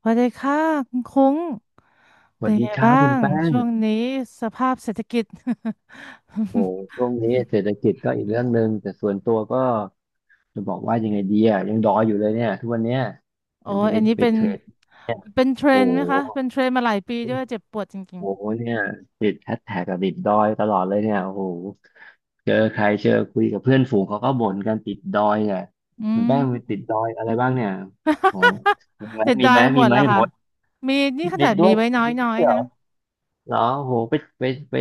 สวัสดีค่ะคุณคุ้งสเป็วัสนดีไงครับบ้าคุณงแป้งช่วงนี้สภาพเศรษฐกิจ ช่วงนี้เศรษฐกิจก็อีกเรื่องหนึ่งแต่ส่วนตัวก็จะบอกว่ายังไงดียังดอยอยู่เลยเนี่ยทุกวันเนี้ยโอ้มันจะยไปอันนี้ไปเป็นเทรดเนี่ยเทรโอ้นด์โหไหมคะเป็นเทรนด์มาหลายปีด้วยเจ็บปวดจริงโอ้โหเนี่ยติดแฮชแท็กกับติดดอยตลอดเลยเนี่ยโอ้โหเจอใครเจอคุยกับเพื่อนฝูงเขาก็บ่นกันติดดอยเนี่ยๆอืคุณแป้งไปมติดดอยอะไรบ้างเนี่ยโอ้โหมีไหมแต่มีได้ไหมหมมีดไหมแล้วหค่ะมดมีนี่ขตินาดดด้มีวยไว้น้มีด้อวยยเหๆรอนะเหรอโอ้โหไปไป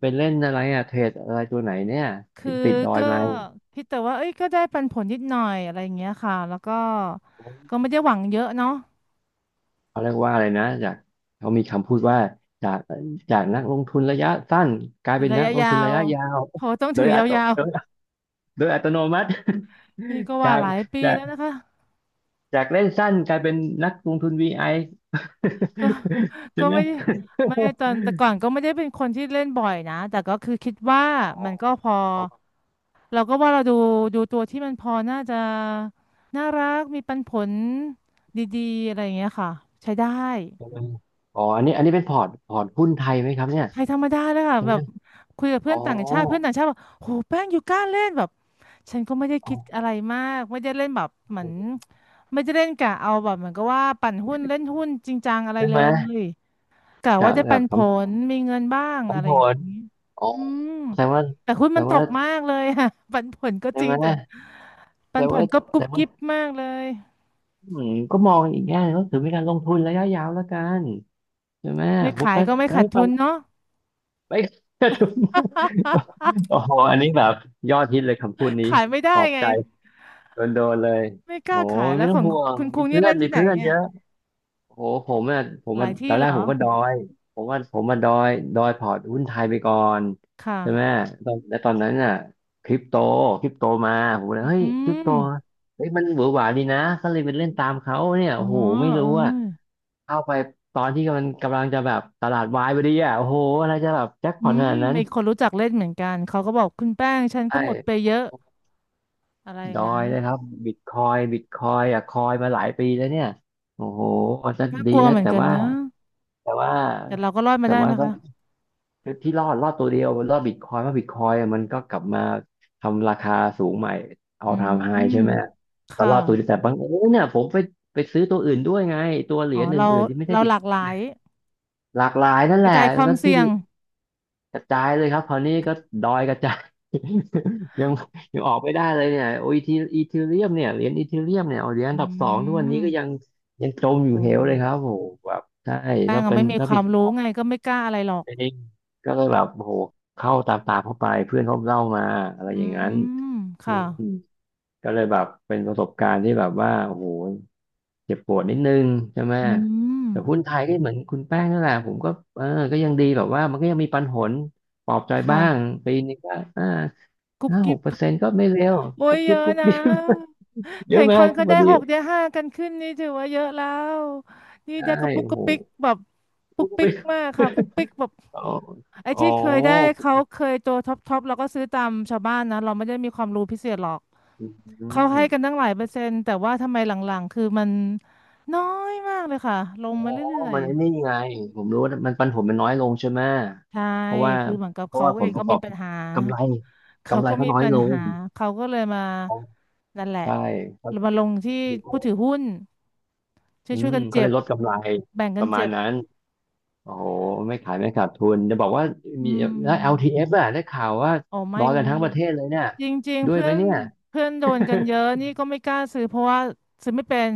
ไปเล่นอะไรเทรดอะไรตัวไหนเนี่ยคืถึองติดดอยก็มา คิดแต่ว่าเอ้ยก็ได้ปันผลนิดหน่อยอะไรอย่างเงี้ยค่ะแล้วก็ไม่ได้หวังเยอะเนาะเขาเรียกว่าอะไรนะจากเขามีคำพูดว่าจากจากนักลงทุนระยะสั้นกลายเป็นระนักยะลงยาทุนระวยะยาวเขาต้องโดถือยอัตโยาวนโดยโดยอัตโนมัติ ๆนี่ก็ จาว่ากหลายปีจากแล้วนะคะ จากเล่นสั้นกลายเป็นนักลงทุนวีไอ ก็ ใช่ก็ไหมไม่ได้ไม่ตอนแต่ก่อนก็ไม่ได้เป็นคนที่เล่นบ่อยนะแต่ก็คือคิดว่าอ๋อมันก็พอเราก็ว่าเราดูตัวที่มันพอน่าจะน่ารักมีปันผลดีๆอะไรอย่างเงี้ยค่ะใช้ได้ใช่ไหมอ๋ออันนี้เป็นพอร์ตหุ้นไทยไหมครับเนี่ยใครธรรมดาเลยค่ะใช่แบไหมบคุยกับอ๋เพื่ออนต่างชาติเพื่อนต่างชาติบอกโหแป้งอยู่กล้าเล่นแบบฉันก็ไม่ได้อ๋อคิดอะไรมากไม่ได้เล่นแบบเหมือนไม่ได้เล่นกะเอาแบบเหมือนก็ว่าปั่นหุ้นเล่นหุ้นจริงจังอะไรใช่เลไหมย กะว่าจากจะปัจากนผคำลมีเงินบ้างอะไรคำผอย่างลงี้อ๋ออืมแสดงว่าแต่หุ้นแสดมันตงแต่ว่ากว่ามากเลย ค่ะ ปันผลก็ใช่จริไหงมแต่แสปัดนงผลว่าก็แสกุดบงว่า กิ๊บมากเลยอืมก็มองอีกแง่หนึ่งก็ถือเป็นการลงทุนระยะยาวแล้วกันใช่ไหมไม่พูดขาไปยก็ไม่ใช้ขาดฟัทุงนเนาะ ไป โอ้โหอันนี้แบบยอดฮิตเลยคำพูด นี้ขายไม่ได้ปลอบไงใจโดนเลยไม่กโอ้ล้าขายยไม่แล้วต้ขององห่วงคุณคุงเนี่ยเล่นมีที่ไหนเพื่อนเนี่เยยอะโอ้โหผมอ่ะผมหลาอ่ะยตที่อนแรเหรกอผมก็ดอยผมว่าผมมาดอยพอร์ตหุ้นไทยไปก่อนคใช่ไหม่ะตอนแล้วตอนนั้นน่ะคริปโตมาผมเลยอืเฮ้ยคริปโตมเฮ้ยมันหวือหวาดีนะก็เลยไปเล่นตามเขาเนี่ยอ๋อโอ้โหไม่เอรู้ว่า อเข้าไปตอนที่มันกำลังจะแบบตลาดวายพอดีโอ้โหอะไรจะแบบแจ็คพอือตขมนาดนั้นมีคนรู้จักเล่นเหมือนกันเขาก็บอกคุณแป้งฉันก็หมดไปใช่เยอะอะไรอดย่างอนั้ยนเลยครับบิตคอยคอยมาหลายปีแล้วเนี่ยโอ้โหมันจะน่าดีกลัวนะเหมือนกันนะแต่ว่าแต่เราก็รอดมาแต่ได้ไหว่ามก็คะ ที่รอดตัวเดียวรอดบิตคอยเพราะบิตคอยมันก็กลับมาทำราคาสูงใหม่เอาอืมทำไฮอืมใช่ไหมก็ค่ะรอดตัวเดียวแต่บางเอญเนี่ยผมไปซื้อตัวอื่นด้วยไงตัวเหรีอ๋อ ยญเรา อื่นๆที่ไม่ใช่เราบิหตลากคอหลายยน์หลากหลายนั่นกแหระละจายความแล้วที่ เสี่ยงกระจายเลยครับคราวนี้ก็ดอยกระจาย ยังยังออกไม่ได้เลยเนี่ยโอ้ยทีอีเทเรียมเนี่ยเหรียญอีเทเรียมเนี่ยเอาเหรียญอือันดับสองทุกวันนี้ก็ยังมยังจมอโอยู่เหวเลยครับ้โอ้โหแบบใช่แป้งถ้าก็เป็นไม่มีถ้าควาบิมตครู้อยไงก็ไม่กล้าอะไรหรอกน์เองก็เลยแบบโอ้โหเข้าตามเข้าไปเพื่อนเขาเล่ามาอะไรอือย่างนั้นมอืค่ะมก็เลยแบบเป็นประสบการณ์ที่แบบว่าโอ้โห เจ็บปวดนิดนึงใช่ไหมอืมแต่หุ้นไทยก็เหมือนคุณแป้งนั่นแหละผมก็เออก็ยังดีแบบว่ามันก็ยังมีปันผลปลอบใจบ้าค่ะงปีนึงก็อ่ากุบห้าหกิกบเปอร์เซ็นต์ก็ไม่เร็วโอ้กุ๊ยบเยกิ๊บอะกุ๊บนะกิ๊บเยเห็อะนไหมคนคุก็ณพได้อดีหกได้ห้ากันขึ้นนี่ถือว่าเยอะแล้วนี่ใช่ได้กระปุกโอ้กโหระปิกแบบปุกกุ๊บปิกกิ๊บมากค่ะปุกปิกแบบอ๋อไอ้อ๋อที่เคยได้เขาเคยตัวท็อปเราก็ซื้อตามชาวบ้านนะเราไม่ได้มีความรู้พิเศษหรอก อืเขาให้มกันตั้งหลายเปอร์เซ็นต์แต่ว่าทำไมหลังๆคือมันน้อยมากเลยค่ะลงอ๋อมาเรื่อยมันไอ้นี่ไงผมรู้ว่ามันปันผลมันน้อยลงใช่ไหมๆใช่เพราะว่าคือเหมือนกับเขาผเอลงปก็ระกอมีบปัญหากำไรเขาก็เขามีน้อยปัญลงหาเขาก็เลยมานั่นแหละใช่ครัมาลงที่ผู้ถือบ หุ้นอืช่วยมๆกันเขาเจ็เลบยลดกำไรแบ่งปกันระมาณเจ็บนั้นโอ้โหไม่ขายไม่ขาดทุนจะบอกว่ามีอืมแล้ว LTF อลทีเอฟอะได้ข่าวว่าอ๋อไม่รอยเลกันทั้งปยระเทศเลยเนี่ยจริงๆด้วยเพื่ไหอมนเนี่ยเพื่อนโดนกันเยอะนี่ก็ไม่กล้าซื้อเพราะว่าซื้อไม่เป็น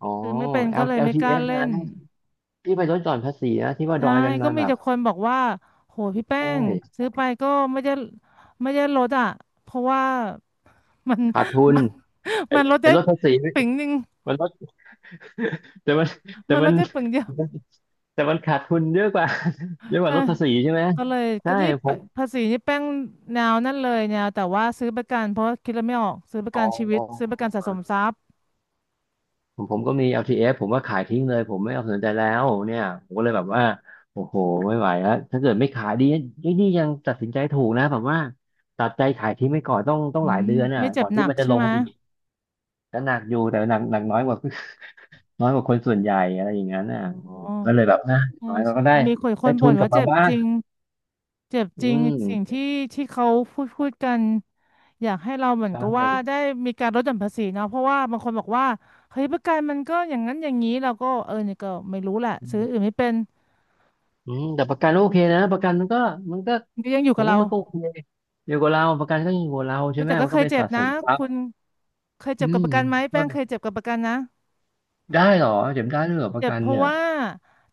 อ๋อ ซื้อไม่เป็นก็ L เลยไม่กล้า LTF เล่นะน ที่ไปลดหย่อนภาษีนะที่ว่าดใช่อยกันก็มามีแบบแต่คนบอกว่าโหพี่แป้ใชง่ซื้อไปก็ไม่ได้ไม่ได้ลดอ่ะเพราะว่ามัน ขาดทุ นมันไอ้มันลดไอ้ได้ลดภาษีมปึ๋งหนึ่งันลด แต่มันแต่มันลมัดนได้ปึ๋งเดียวแต่มันขาดทุนเยอะกว่าเยอะกว่าก็ลดภาษีใช่ไหมเลยใช่ก็นี่ผปะมภาษีนี่แป้งแนวนั่นเลยแนวแต่ว่าซื้อประกันเพราะคิดแล้วไม่ออกซื้อประอ๋กันชีวิตซื้อประกันสะสมอ ทรัพย์ผมก็มี LTF ผมว่าขายทิ้งเลย ผมไม่เอาสนใจแล้วเนี่ยผมก็เลยแบบว่า โอ้โหไม่ไหวแล้วถ้าเกิดไม่ขายดีนี่นี่ยังตัดสินใจถูกนะแบบว่าตัดใจขายทิ้งไปก่อนต้องต้ออืงหลายมเดือนไม่เจ็ก่บอนหที่นักมันจะใช่ลไหงมอีกก็หนักอยู่แต่หนักน้อยกว่า น้อยกว่าคนส่วนใหญ่อะไรอย่างนั้นเออก็โอ เลยแบบนะใช่น้อยเราใช่ ก็ได้มีคนได้ทุบ่นนกลัว่าบมาเจ็บบ้าจงริงเจ็บอืจริงสิ่งมที่เขาพูดกันอยากให้เราเหมือใชนกับว่า่ได้มีการลดหย่อนภาษีเนาะเพราะว่าบางคนบอกว่าเฮ้ยประกันมันก็อย่างนั้นอย่างนี้เราก็เออนี่ก็ไม่รู้แหละอืซื้ออื่นมไม่เป็นอืมแต่ประกันโอเคนะประกันมันก็มันก็ มันก็ยังอยู่ผกับมเราว่ามันก็โอเคอยู่กับเราประกันก็อยู่กับเราใช่อุ๊ยไหมแต่ก็มันเคก็ยเป็นเจ็บสะสนะมทรัพคุย์ณเคยเจ็อืบกับประกันไหมแป้งม เคยเจ็บกับประกันนะ ได้เหรอเจ็บได้ด้วยเหรอประเจ็บกันเพราะเนี่ยว่า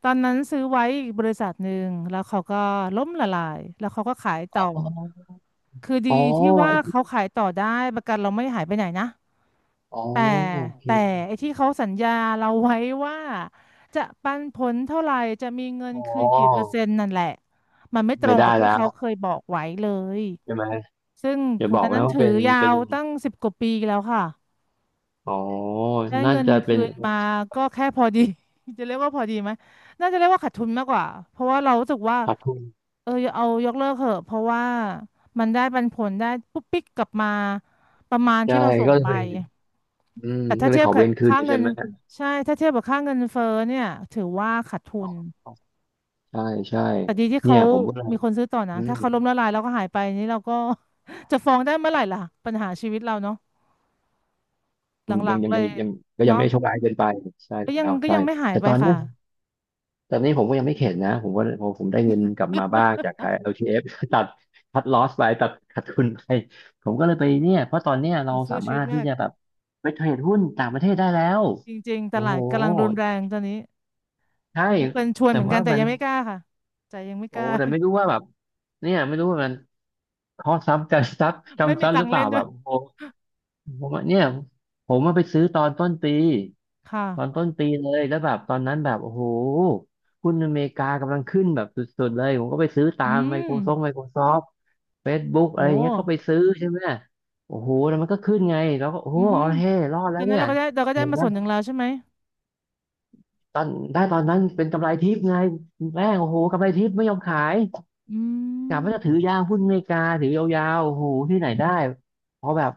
ตอนนั้นซื้อไว้อีกบริษัทหนึ่งแล้วเขาก็ล้มละลายแล้วเขาก็ขายต่อคืออ๋อดีที่ว่าเขาขายต่อได้ประกันเราไม่หายไปไหนนะอ๋อแต่อ๋อโอเคแต่ไอ้ที่เขาสัญญาเราไว้ว่าจะปันผลเท่าไหร่จะมีเงินอ๋คืนกี่เปอร์อเซ็นต์นั่นแหละมันไม่ตรไม่งได้กับที่แล้เขาวเคยบอกไว้เลยใช่ไหมซึ่งอย่าคุณบอตอกนนั้นะนว่าถือเป็นยาเป็นวตั้งสิบกว่าปีแล้วค่ะ อ๋อได้น่าเงินจะเป็คืนนมาก็แค่พอดี จะเรียกว่าพอดีไหมน่าจะเรียกว่าขาดทุนมากกว่าเพราะว่าเรารู้สึกว่าขาดทุนเออเอายกเลิกเถอะเพราะว่ามันได้ปันผลได้ปุ๊บปิ๊กกลับมาประมาณใช่ที่เราส่งก็ไปเลยเป็นอืมแต่ก็ถ้าเลยเทียขบอกับเว้นคืนค่าเงิใช่นไหมใช่ถ้าเทียบกับค่าเงินเฟ้อเนี่ยถือว่าขาดทุอ๋อนอ๋อใช่ใช่แต่ดีที่เนี่เขายผมก็เลยมีคนซื้อต่อนะอืมถ้าเขาล้มละลายแล้วก็หายไปนี่เราก็ จะฟ้องได้เมื่อไหร่ล่ะปัญหาชีวิตเราเนาะหลัยังงยัๆงเลยังยยังก็ยังเนาะไม่ได้โชคร้ายเกินไปใช่ก็ยังแล้วใช่ไม่หายแต่ไปตอนเนี้ค่ะ ย แต่นี่ผมก็ยังไม่เข็ดนะผมก็ผมผมได้เงินกลับมาบ้างจากขาย LTF ตัดคัดลอสไปตัดขาดทุนไป ผมก็เลยไปเนี่ย เพราะตอนเนี้ยเราสาสู้ชีมาวิตรถที่มากจะแบบไปเทรดหุ้นต่างประเทศได้แล้ว จริงๆตโอ้ลาโห ดกำลังรุนแรงตอนนี้ใช่ มีคนชวนแต่เหมือนกัว่านแต่มัน ยังไม่กล้าค่ะใจยังไม่กโอ้ล้า แต่ไม่รู้ว่าแบบ เนี่ยไม่รู้ว่ามันคอสซ้ำกันซัก ไม่จำมีซ้ำหตัรืงอค์เปล่าเล่นด้แบวยบโอ้ ผมว่าเนี่ยผมมาไปซื้อตอนต้นปีตอนค่ะต้นปีเลยแล้วแบบตอนนั้นแบบโอ้โหหุ้นอเมริกากำลังขึ้นแบบสุดๆเลยผมก็ไปซื้อตาอืม Microsoft ม Microsoft Facebook โออะไรอย่างเงี้ยก็ไป้ซื้อใช่ไหมโอ้โหแล้วมันก็ขึ้นไงแล้วก็โอ้อืโหมเอาเฮ้รอดตแล้อวนนั้เนี่นยเราก็ได้เห็นมาไหมส่วนหนึ่งแล้วใช่ไหมตอนได้ตอนนั้นเป็นกำไรทิพย์ไงแม่งโอ้โหกำไรทิพย์ไม่ยอมขาย อืกะมว่าจะถือยาวหุ้นอเมริกาถือยาวๆโอ้โหที่ไหนได้พอแบบ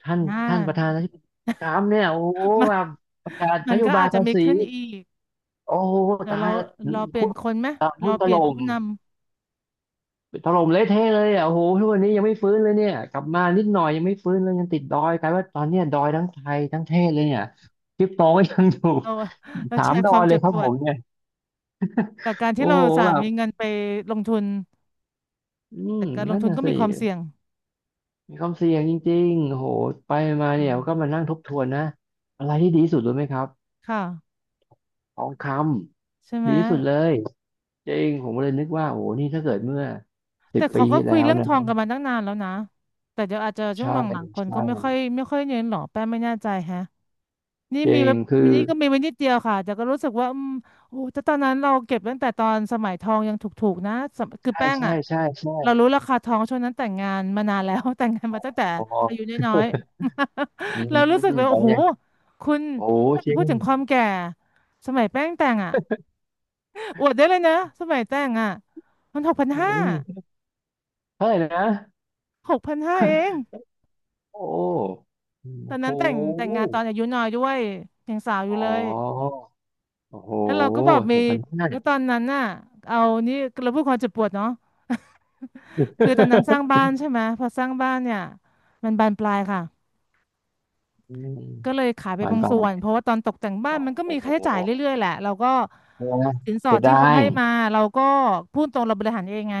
ท่านน่าท่านประธานาธิบดีทรัมป์เนี่ยโอ้โหมันแบบประกาศมันนโยก็บายอาจจะภามีษีขึ้นอีกโอ้โหเดี๋ยวตายเราแล้วหเราเปลี่ยนุ้นคนไหมตายหุ้เรานถเปลี่ยล่นผู้มนำถล่มเละเทะเลยอ่ะโอ้โหทุกวันนี้ยังไม่ฟื้นเลยเนี่ยกลับมานิดหน่อยยังไม่ฟื้นเลยยังติดดอยกลายว่าตอนเนี้ยดอยทั้งไทยทั้งเทศเลยเนี่ยคริปโตก็ยังอยู่ เรา เราถาแชมร์ดอควายมเลยเจ็บครัปบวผดมเนี่ยกับการที่โอ้เราโหอุตสาแบห์บมีเงินไปลงทุนอืมแต่การลงนั่นทุนน่ะก็สิ มีความเสี่ยงมีความเสี่ยงจริงๆโหไปมาเนี่อืยมก็มานั่งทบทวนนะ อะไรที่ดีที่สุดรู้ไหมครับค่ะทองคใช่ำ ไหม ดีที่สุดเลยจริงผมเลยนึกว่าโอ้โหนี่ถ้าเกิดเมื่อสิแต่บปีเขาก็ที่คุแล้ยวเรื่องทนะ องกันมาตั้งนานแล้วนะ แต่เดี๋ยวอาจจะช่วงใช่หลังๆคในก็ไม่ค่อช่ยไม่ค่อยเน้นหรอกแป้งไม่แน่ใจแฮะนี่จริมีงไว้คือ นี่ก็มีไว้นิดเดียวค่ะแต่ก็รู้สึกว่าอืมโอ้แต่ตอนนั้นเราเก็บตั้งแต่ตอนสมัยทองยังถูกๆนะสมคือใช่แป้งใช่อ่ะใช่ใช่เรารู้ราคาทองช่วงนั้นแต่งงานมานานแล้ว แต่งงานมาตั้งแต่โอ้โห อายุน้อย ๆ อื มเรารู้สึกเลยอะโอ้ไรโหยังคุณโอ้โห ไม่จริพูงดถึงความแก่สมัยแป้งแต่งอ่ะ อวดได้เลยนะสมัยแต่งอ่ะมันหกพันอืห้ามเท่าไหร่นะหกพันห้าเอง โอ้ตอนโหนั้นแต่งงานตอนอายุน้อยด้วยยังสาวออ๋ยู่เลอยโอ้โหแล้วเราก็บอกหมีกพันห้า แล้วตอนนั้นน่ะ เอานี่เราพูดความเจ็บปวดเนาะ คือตอนนั้นสร้าง บ้านใช่ไหมพอสร้างบ้านเนี่ยมันบานปลายค่ะอืม ก็เลยขาย ไปผ่านบางไปส่วนเพราะว่าตอนตกแต่งโบ้านมันก็มีอ้โห ค่าใช้จ่ายเรื่อยๆแหละเราก็เออนะสินสอเสีดยที่ดาเขายให้มาเราก็พูดตรงเราบริหารเองไง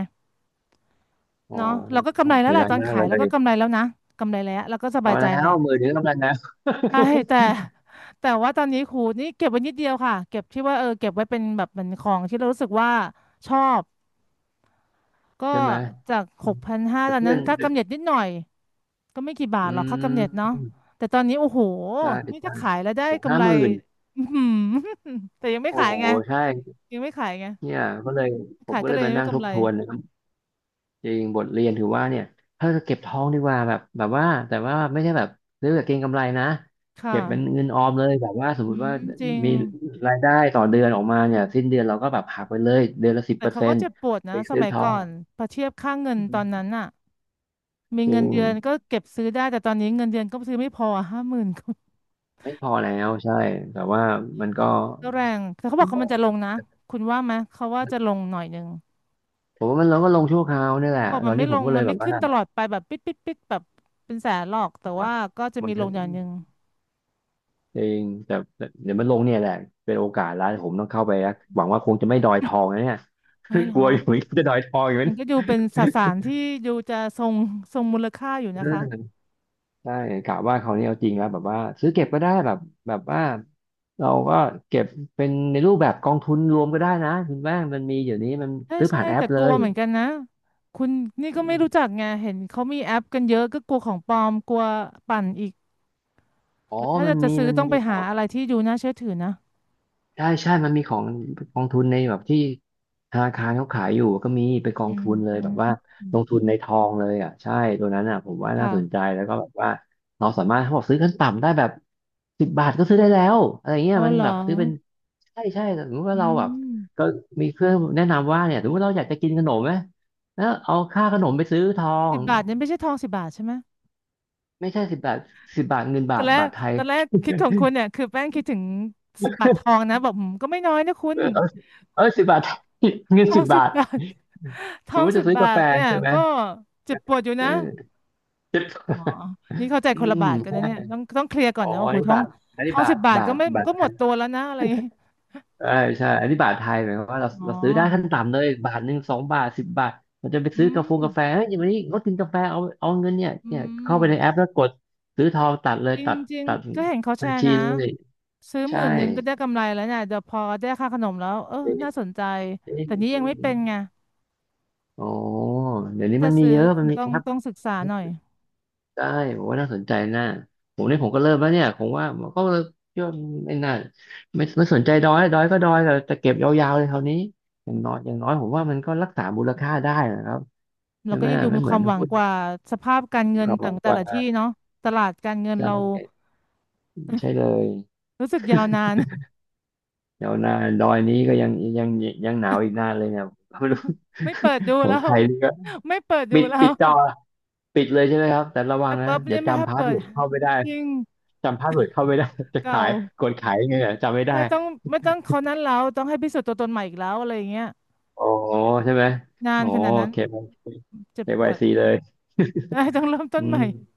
โอ้เนาะเราก็กำไรแล้วเสียแหละดายตอนมากขายแล้เลวก็ยกำไรแล้วนะ กำไรแล้วเราก็สบายกำลัใจงแล้แหวละ มือถือกำลังแล้ว ใช่แต่แต่ว่าตอนนี้ครูนี่เก็บไว้นิดเดียวค่ะเก็บที่ว่าเออเก็บไว้เป็นแบบเหมือนของที่เรารู้สึกว่าชอบก็ ใช่ไหมจากหกพันห้าแต่ตอนเพื่นั้อนนค่ากำเนิดนิดหน่อยก็ไม่กี่บาทอืหรอกค่ากำเนิดเนาะมแต่ตอนนี้โอ้โหใช่นี่ใช่ถ้าขายแล้วได้โอ้กำห้าไร หมื่น อือหือ แต่ยังไม่โอ้ขายโหไงใช่ยังไม่ขายไงเนี่ยก็เลยผมขายก็ก็เลเลยยมายังไม่นั่งทกำบไรทวนนะครับจริงบทเรียนถือว่าเนี่ยถ้าจะเก็บทองดีกว่าแบบแบบว่าแต่ว่าไม่ใช่แบบซื้อแบบเก็งกำไรนะค่ะเก็บเป็นเงินออมเลยแบบว่าสมมอืติว่ามจริงมีรายได้ต่อเดือนออกมาเนี่ยสิ้นเดือนเราก็แบบหักไปเลยเดือนละสิบแต่เปอร์เขาเซ็ก็นต์เจ็บปวดไปนะสซื้อมัยทอง ก่อนพอเทียบค่าเงินตอนนั้นน่ะ มีจริเงินงเดือนก็เก็บซื้อได้แต่ตอนนี้เงินเดือนก็ซื้อไม่พอห้าหมื่นก็ไม่พอแล้วใช่แต่ว่าอืมัมนก็ก็แรงแต่เขาผบอกมเขาว่ามันจะลงนะคุณว่าไหมเขาว่าจะลงหน่อยหนึ่งผมว่ามันเราก็ลงชั่วคราวนี่แหละเขาบอกตอมันนไม่นี้ผลมงก็เลมัยนแบไม่บว่าขึ้นตลอดไปแบบปิดแบบเป็นแสนหรอกแต่นว่าก็จะมัมีนลจะงอย่างหนึ่งจริงแต่แต่เดี๋ยวมันลงเนี่ยแหละเป็นโอกาสแล้วผมต้องเข้าไปนะหวังว่าคงจะไม่ดอยทองนะเนี่ย ไม่หร กลัวออกยู่เหมือนกันจะดอยทองอยู่เหมือมันนกัก็นดูเป็นสสารที่ดูจะทรงมูลค่าอยู่นะคะเออใช่กะว่าคราวนี้เอาจริงแล้วแบบว่าซื้อเก็บก็ได้แบบแบบว่าเราก็เก็บเป็นในรูปแบบกองทุนรวมก็ได้นะคุณแม่งมันมีเดี๋ยวนี้มันใช่ซื้อใช่ผ่านแอแต่ปกเลลัวยเหมือนกันนะคุณนี่ก็ไม่รู้จักไงเห็นเขามีแอปกันเยอะก็กลัวของปลอมกลัวปั่นอีกอ๋อแล้วถ้ามัจะนจะมีซื้อมันต้องมีไปขหาอง อะไรที่ดูน่าเชื่อถือนะ ใช่ใช่ มันมีของกองทุนในแบบที่ธนาคารเขาขายอยู่ก็มีไปนกออืงทุมนเลยแบบว่าลงทุนในทองเลยอ่ะใช่ตัวนั้นอ่ะผมว่าน่าสนใจค่ะแล้วก็แบบว่าเราสามารถเขาบอกซื้อขั้นต่ำได้แบบสิบบาทก็ซื้อได้แล้วอะไรเงี้อ๋ยอมันเหรอแบบซื้อเป็นใช่ใช่สมมติว่าอืเราแบบมก็มีเพื่อนแนะนำว่าเนี่ยสมมติเราอยากจะกินขนมไหมแล้วเอาค่าขนมไปซื้อทอสิงบบาทเนี่ยไม่ใช่ทองสิบบาทใช่ไหมไม่ใช่สิบบาทสิบบาทเงินตบาอนทแรกบาทไทย ตอนแรกคิดของคุณเนี่ยคือแป้งคิดถึงสิบบาททองนะแบบอืมก็ไม่น้อยนะคุณเออเออเออ10 บาท เงิทนอสิงบสิบบาทบาท ทสอมงมติสิจะบซื้อบากาแฟทเนี่ยใช่ไหมก็เจ็บปวดอยู่เนะออสิบ อ๋อนี่เข้าใจอืคนละบาทกันนะมเนี่ยต้องเคลียร์ก่อนอ๋อนะโอ้อันโหนี้ทองบาทอันทนี้องบาสิทบบาทบาก็ทไม่บาทก็หไทมดยตัวแล้วนะอะไรอย่างงี้ใช่ใช่อันนี้บาทไทยหมายความว่าเราอ๋อเราซื้อได้ขั้นต่ำเลยบาทหนึ่ง2 บาทสิบบาทเราจะไปอืซื้อกาแฟมงกาแฟเฮ้ยวันนี้งดกินกาแฟเอาเงินเนี่ยอืเนี่ยเข้ามไปในแอปแล้วกดซื้อทองตัดเลยจตัดริงตัดๆก็เห็นเขาแชบัญร์ชีนะ เลยซื้อหใช่มื่นหนึ่งก็ได้กำไรแล้วเนี่ยเดี๋ยวพอได้ค่าขนมแล้วเออเอ๊ะน่าสนใจเอ๊ะแต่นี้ยัเอ๊งไม่เป็นไงะอ๋อเดี๋ยวถ้านี้จะมันมีซื้อเยอะมันมีต้อแองป ต้องศึกษาหน่อยได้ผมว่าน่าสนใจน่าผมเนี่ยผมก็เริ่มแล้วเนี่ยผมว่าผมก็เยคิไม่น่าไม่สนใจดอยดอยก็ดอยแต่จะเก็บยาวๆเลยคราวนี้อย่างน้อยผมว่ามันก็รักษามูลค่าได้นะครับเราใช่ก็ไหมยังดูไม่มีเหคมือวานมหวังหุ้นกว่าสภาพการมีเงินความหต่าวังงกแต่ละว่าที่เนาะตลาดการเงินใชเรา่ใช่เลยรู้สึกยาวนาน เดี๋ยวหนาดอยนี้ก็ยังยังหนาวอีกนานเลยเนี่ย ผมก็ไม่รู้ ไม่เปิดดู ขอแล้งไทว ยนี่ก็ ไม่เปิดดูปิดแล้ปิวดจอปิดเลยใช่ไหมครับแต่ระวัแองปนะเปิบเดี๋ยเนี่วยไม่ให้จำพาสเปิเวิดร์ดเข้าไม่ได้ยิ่งจำพาสเวิร์ดเข้าไม่ได้จะเก่าขายกดขายยังไงเนี่ยจำไม่ได้ ใช่ต้องไม่ต้องเขานั้นแล้วต้องให้พิสูจน์ตัวตนใหม่อีกแล้วอะไรอย่างเงี้ยอ๋อใช่ไหมนานอ๋อ ขนาดนั้น KYC ซีเจ็บปเควาวยดซีเลยเอ้ยต้องเริ่มต้อืนใหม่ม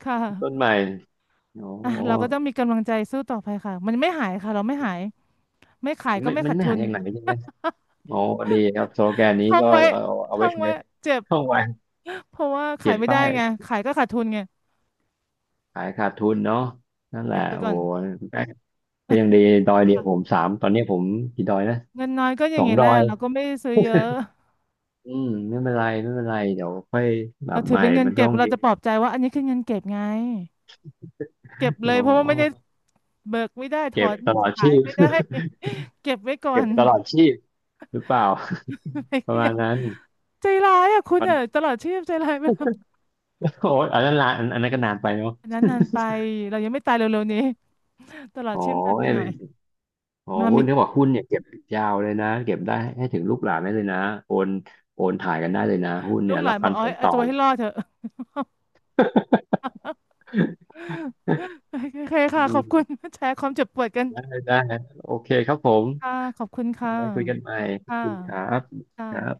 ค่ะ ต้นใหม่อ๋ออ่ะเราก็ต้องมีกำลังใจสู้ต่อไปค่ะมันไม่หายค่ะเราไม่หายไม่ขายก็ไม่ไม่มัขานดไม่ทุหานอย่างไหนใช่ไหมอ๋อดีครับสโลแกนนี้ท่องก็ไว้เอาเอาท่ไว้องไว้ใช้เจ็บช่องวันเพราะว่าเขีขายยนไม่ได้ป้ายไงขายก็ขาดทุนไงขายขาดทุนเนาะนั่นแหละเก็บไปโอ้ก่อนโหก็ยังดีดอยเดียวค่ะผมสามตอนนี้ผมกี่ดอยนะเงินน้อยก็อสย่างองนี้ดแหอละยเราก็ไม่ได้ซื้อเยอะอืมไม่เป็นไรไม่เป็นไรเดี๋ยวค่อยแบเราบถืใหอม่เป็นเงินมันต้เก็บองเรามีจะปลอบใจว่าอันนี้คือเงินเก็บไงเก็บอ๋เลอยเพราะว่าไม่ได้เบิกไม่ได้ถอเก็บนตลอดขาชียพไม่ได้ เก็บไว้ก่อเก็บน ตลอดชีพหรือเปล่าประมาณนั้น ใจร้ายอ่ะคุณมัน อ่ะตลอดชีพใจร้ายไปแล้ว โอ้ยอันนั้นละอันอันนั้นก็นานไปเนาะ อันนั้นนานไปเรายังไม่ตายเร็วๆนี้ตลอดโอ้ชีพนานไปยหน่อย โอ้มาหุ้มีนเขาบอกหุ้นเนี่ยเก็บยาวเลยนะเก็บได้ให้ถึงลูกหลานได้เลยนะโอนโอนถ่ายกันได้เลยนะหุ้นลูเนี่กยหลารันบบปัอกนเอาผให้ลเอาต่อ ตัวให้รอดเถอะ โอเค อืค่ะขอบมคุณแชร์ความเจ็บปวดกันได้ได้โอเคครับผมค่ะขอบคุณค่ะไว้คุยกันใหม่ขอบค่ะคุณครับค่ะครับ